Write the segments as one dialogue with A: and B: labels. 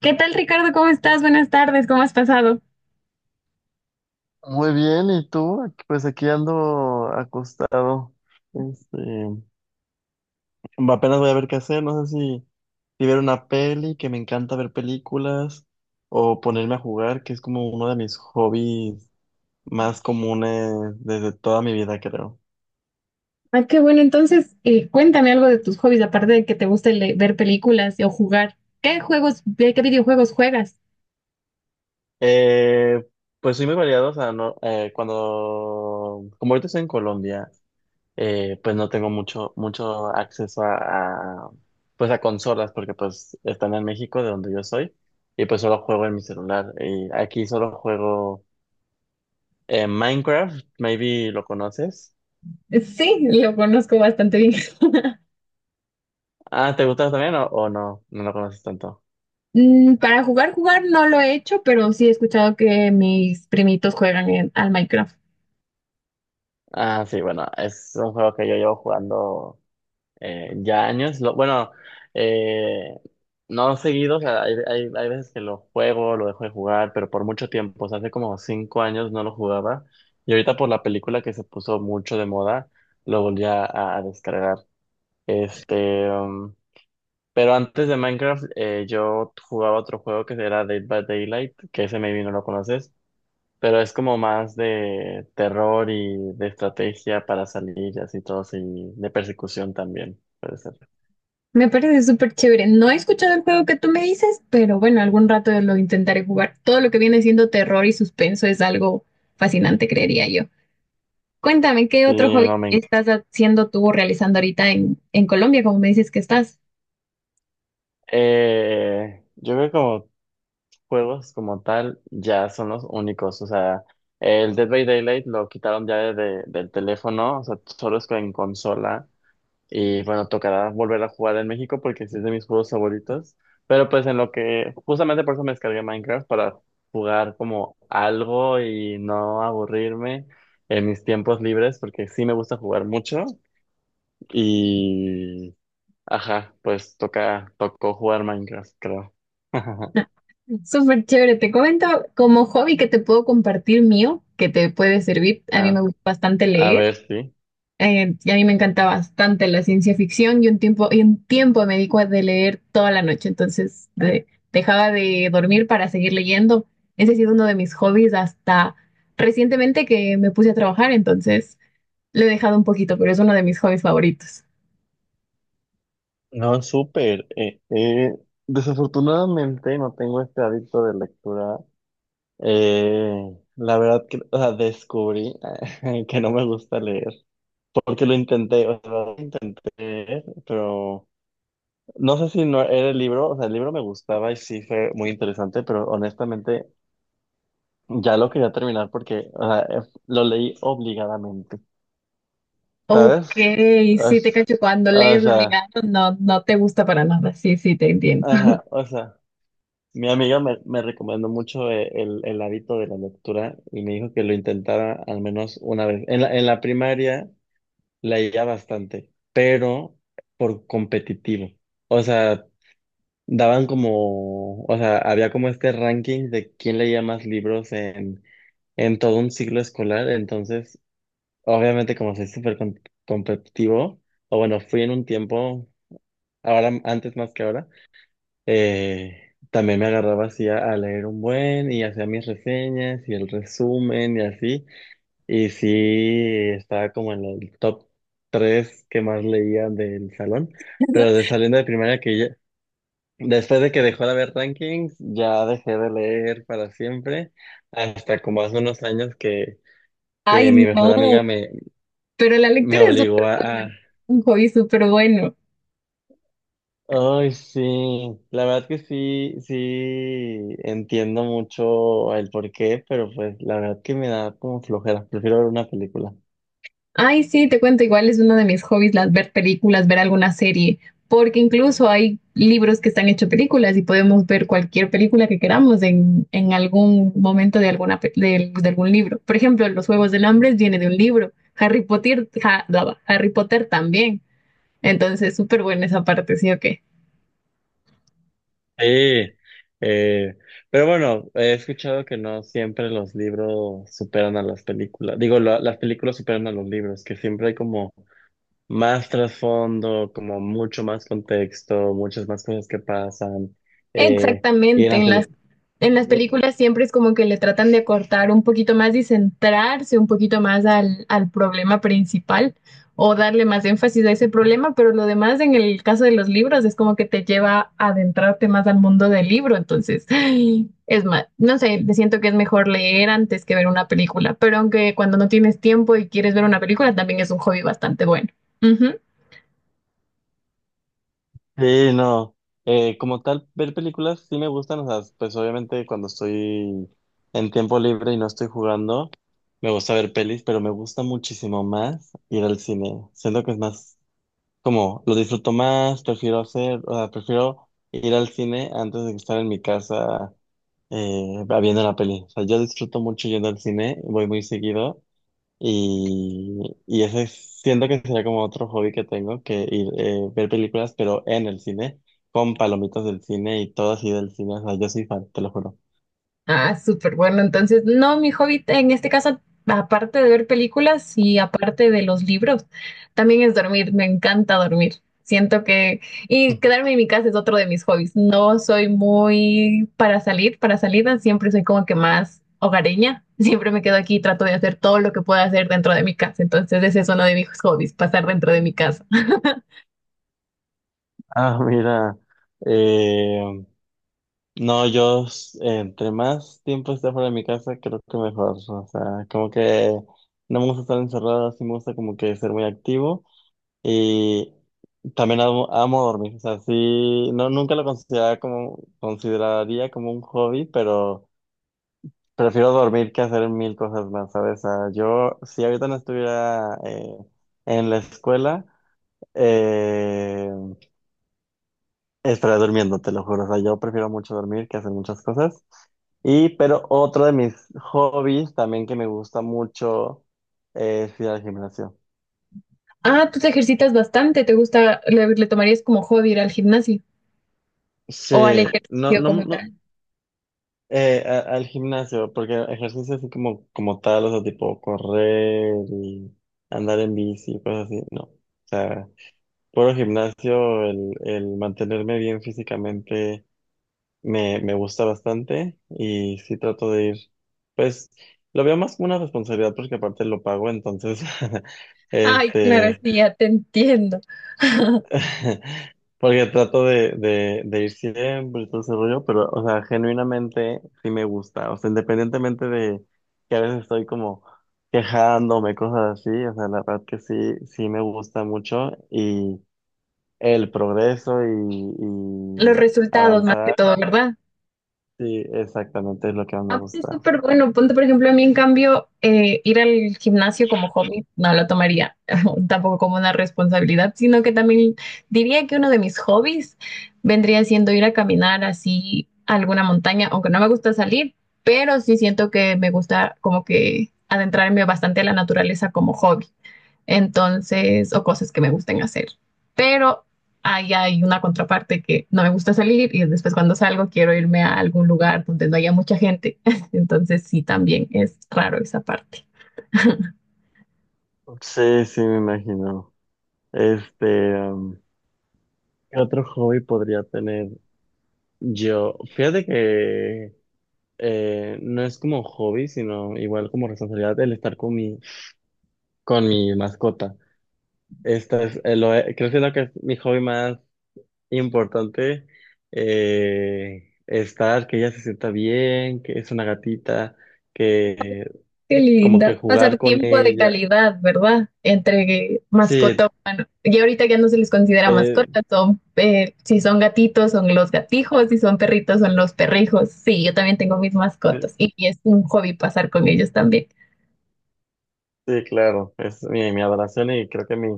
A: ¿Qué tal, Ricardo? ¿Cómo estás? Buenas tardes, ¿cómo has pasado?
B: Muy bien, ¿y tú? Aquí- Pues aquí ando acostado. Este, Apenas voy a ver qué hacer, no sé si ver una peli, que me encanta ver películas, o ponerme a jugar, que es como uno de mis hobbies más comunes desde toda mi vida, creo.
A: Ah, qué bueno. Entonces, cuéntame algo de tus hobbies, aparte de que te guste ver películas o jugar. ¿Qué juegos, de qué videojuegos juegas?
B: Eh, pues soy muy variado, o sea, no, cuando, como ahorita estoy en Colombia, pues no tengo mucho acceso a, pues a consolas, porque pues están en México, de donde yo soy, y pues solo juego en mi celular. Y aquí solo juego Minecraft, maybe lo conoces.
A: Sí, lo conozco bastante bien.
B: Ah, ¿te gusta también o no? No lo conoces tanto.
A: Mm, para jugar no lo he hecho, pero sí he escuchado que mis primitos juegan al Minecraft.
B: Ah, sí, bueno, es un juego que yo llevo jugando, ya años. Bueno, eh, no seguido, o sea, hay veces que lo juego, lo dejo de jugar, pero por mucho tiempo, o sea, hace como cinco años no lo jugaba. Y ahorita, por la película que se puso mucho de moda, lo volví a descargar. Este, um, pero antes de Minecraft, yo jugaba otro juego que era Dead by Daylight, que ese maybe no lo conoces, pero es como más de terror y de estrategia para salir y así todos, y de persecución también. Puede ser.
A: Me parece súper chévere. No he escuchado el juego que tú me dices, pero bueno, algún rato lo intentaré jugar. Todo lo que viene siendo terror y suspenso es algo fascinante, creería yo. Cuéntame, ¿qué otro
B: Sí,
A: hobby
B: no me...
A: estás haciendo tú o realizando ahorita en Colombia, como me dices que estás?
B: Yo creo que como juegos como tal ya son los únicos, o sea, el Dead by Daylight lo quitaron ya del teléfono, o sea, solo es en consola. Y bueno, tocará volver a jugar en México, porque sí es de mis juegos favoritos, pero pues en lo que, justamente por eso me descargué Minecraft para jugar como algo y no aburrirme en mis tiempos libres, porque sí me gusta jugar mucho. y Ajá, pues tocó jugar Minecraft, creo.
A: Súper chévere. Te comento como hobby que te puedo compartir mío, que te puede servir. A mí me
B: A,
A: gusta bastante
B: a
A: leer
B: ver, sí.
A: y a mí me encanta bastante la ciencia ficción y un tiempo me dedico a de leer toda la noche. Entonces dejaba de dormir para seguir leyendo. Ese ha sido uno de mis hobbies hasta recientemente que me puse a trabajar. Entonces lo he dejado un poquito, pero es uno de mis hobbies favoritos.
B: No, súper. Desafortunadamente no tengo este hábito de lectura. La verdad que, o sea, descubrí que no me gusta leer, porque lo intenté, o sea, lo intenté leer, pero no sé si no era el libro, o sea, el libro me gustaba y sí fue muy interesante, pero honestamente ya lo quería terminar porque, o sea, lo leí obligadamente.
A: Ok,
B: ¿Sabes? O,
A: sí te
B: s-
A: cacho, cuando
B: o
A: lees
B: sea,
A: obligado no te gusta para nada, sí, sí, te entiendo.
B: ajá, o sea, mi amiga me recomendó mucho, el hábito de la lectura, y me dijo que lo intentara al menos una vez. En la primaria leía bastante, pero por competitivo. O sea, daban como, o sea, había como este ranking de quién leía más libros en todo un ciclo escolar, entonces, obviamente como soy súper com- competitivo, o bueno, fui en un tiempo, ahora antes más que ahora, también me agarraba así a leer un buen y hacía mis reseñas y el resumen y así, y sí estaba como en el top tres que más leía del salón, pero de saliendo de primaria que ya, después de que dejó de haber rankings, ya dejé de leer para siempre, hasta como hace unos años
A: Ay,
B: que mi mejor
A: no,
B: amiga
A: pero la
B: me
A: lectura es
B: obligó a...
A: un hobby súper bueno.
B: Ay, sí, la verdad que sí, sí, entiendo mucho el porqué, pero pues la verdad que me da como flojera, prefiero ver una película.
A: Ay, sí, te cuento, igual es uno de mis hobbies las ver películas, ver alguna serie, porque incluso hay libros que están hechos películas y podemos ver cualquier película que queramos en algún momento de, alguna, de algún libro. Por ejemplo, Los Juegos del Hambre viene de un libro, Harry Potter, bla, bla, Harry Potter también. Entonces, súper buena esa parte, ¿sí o qué?
B: Sí, eh, pero bueno, he escuchado que no siempre los libros superan a las películas, digo, la- las películas superan a los libros, que siempre hay como más trasfondo, como mucho más contexto, muchas más cosas que pasan, eh, y en
A: Exactamente,
B: las películas.
A: en las películas siempre es como que le tratan de acortar un poquito más y centrarse un poquito más al problema principal o darle más énfasis a ese problema, pero lo demás en el caso de los libros es como que te lleva a adentrarte más al mundo del libro, entonces ay, es más, no sé, siento que es mejor leer antes que ver una película, pero aunque cuando no tienes tiempo y quieres ver una película también es un hobby bastante bueno.
B: Sí, no. Como tal, ver películas sí me gustan, o sea, pues obviamente cuando estoy en tiempo libre y no estoy jugando, me gusta ver pelis, pero me gusta muchísimo más ir al cine. Siento que es más, como, lo disfruto más, prefiero hacer, o sea, prefiero ir al cine antes de estar en mi casa viendo la peli. O sea, yo disfruto mucho yendo al cine, voy muy seguido y ese es- siento que sería como otro hobby que tengo, que ir ver películas, pero en el cine, con palomitas del cine y todo así del cine. O sea, yo soy fan, te lo juro.
A: Ah, súper bueno. Entonces, no, mi hobby en este caso, aparte de ver películas y aparte de los libros, también es dormir. Me encanta dormir. Siento que... Y quedarme en mi casa es otro de mis hobbies. No soy muy para salir, para salidas. Siempre soy como que más hogareña. Siempre me quedo aquí y trato de hacer todo lo que pueda hacer dentro de mi casa. Entonces, ese es uno de mis hobbies, pasar dentro de mi casa.
B: Ah, mira, eh, no, yo s- entre más tiempo esté fuera de mi casa, creo que mejor. O sea, como que no me gusta estar encerrado, sí me gusta como que ser muy activo. Y también amo, amo dormir. O sea, sí, no, nunca lo consideraba como, consideraría como un hobby, pero. Prefiero dormir que hacer mil cosas más, ¿sabes? Ah, yo, si ahorita no estuviera en la escuela, eh, estaría durmiendo, te lo juro. O sea, yo prefiero mucho dormir que hacer muchas cosas. Y, pero otro de mis hobbies también que me gusta mucho es ir al gimnasio.
A: Ah, tú te ejercitas bastante. ¿Te gusta, le tomarías como hobby ir al gimnasio o al
B: Sí, no,
A: ejercicio
B: no,
A: como
B: no,
A: tal?
B: a- al gimnasio, porque ejercicio así como, como tal, o sea, tipo correr y andar en bici, cosas así, no. O sea, puro gimnasio, el mantenerme bien físicamente me gusta bastante y sí trato de ir, pues lo veo más como una responsabilidad porque aparte lo pago, entonces,
A: Ay, claro,
B: este,
A: sí, ya te entiendo.
B: porque trato de ir siempre y todo ese rollo, pero, o sea, genuinamente sí me gusta, o sea, independientemente de que a veces estoy como quejándome, cosas así, o sea, la verdad que sí, sí me gusta mucho y... El progreso
A: Los
B: y
A: resultados más que
B: avanzar,
A: todo, ¿verdad?
B: sí, exactamente es lo que más me
A: Ah, pero es
B: gusta.
A: súper bueno. Ponte, por ejemplo, a mí, en cambio, ir al gimnasio como hobby no lo tomaría tampoco como una responsabilidad, sino que también diría que uno de mis hobbies vendría siendo ir a caminar así a alguna montaña, aunque no me gusta salir, pero sí siento que me gusta como que adentrarme bastante a la naturaleza como hobby. Entonces, o cosas que me gusten hacer. Pero ahí hay una contraparte que no me gusta salir y después cuando salgo quiero irme a algún lugar donde no haya mucha gente, entonces sí, también es raro esa parte.
B: Sí, sí, me imagino. Este, um, ¿Qué otro hobby podría tener yo? Fíjate que no es como hobby, sino igual como responsabilidad el estar con mi mascota. Esta es, lo, he- creo que es lo que es mi hobby más importante, estar, que ella se sienta bien, que es una gatita, que
A: Qué
B: como
A: linda.
B: que
A: Pasar
B: jugar con
A: tiempo de
B: ella.
A: calidad, ¿verdad? Entre
B: Sí,
A: mascota humano. Y ahorita ya no se les considera
B: eh,
A: mascota, son, si son gatitos, son los gatijos, si son perritos, son los perrijos. Sí, yo también tengo mis
B: sí,
A: mascotas y es un hobby pasar con ellos también.
B: sí, claro, es mi, mi adoración y creo que mi,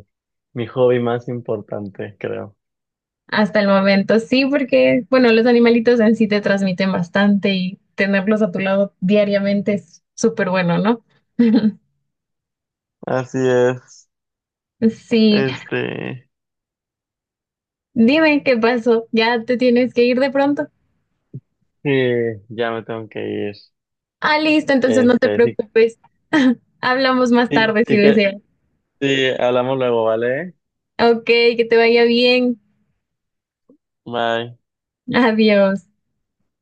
B: mi hobby más importante, creo.
A: Hasta el momento, sí, porque, bueno, los animalitos en sí te transmiten bastante y tenerlos a tu lado diariamente es súper bueno, ¿no?
B: Así es,
A: Sí,
B: este,
A: dime qué pasó. Ya te tienes que ir de pronto.
B: sí, ya me tengo que ir.
A: Ah, listo, entonces no te
B: Este, sí,
A: preocupes. Hablamos más
B: sí,
A: tarde si
B: sí que,
A: deseas.
B: sí, hablamos luego, ¿vale?
A: Ok, que te vaya bien.
B: Bye.
A: Adiós.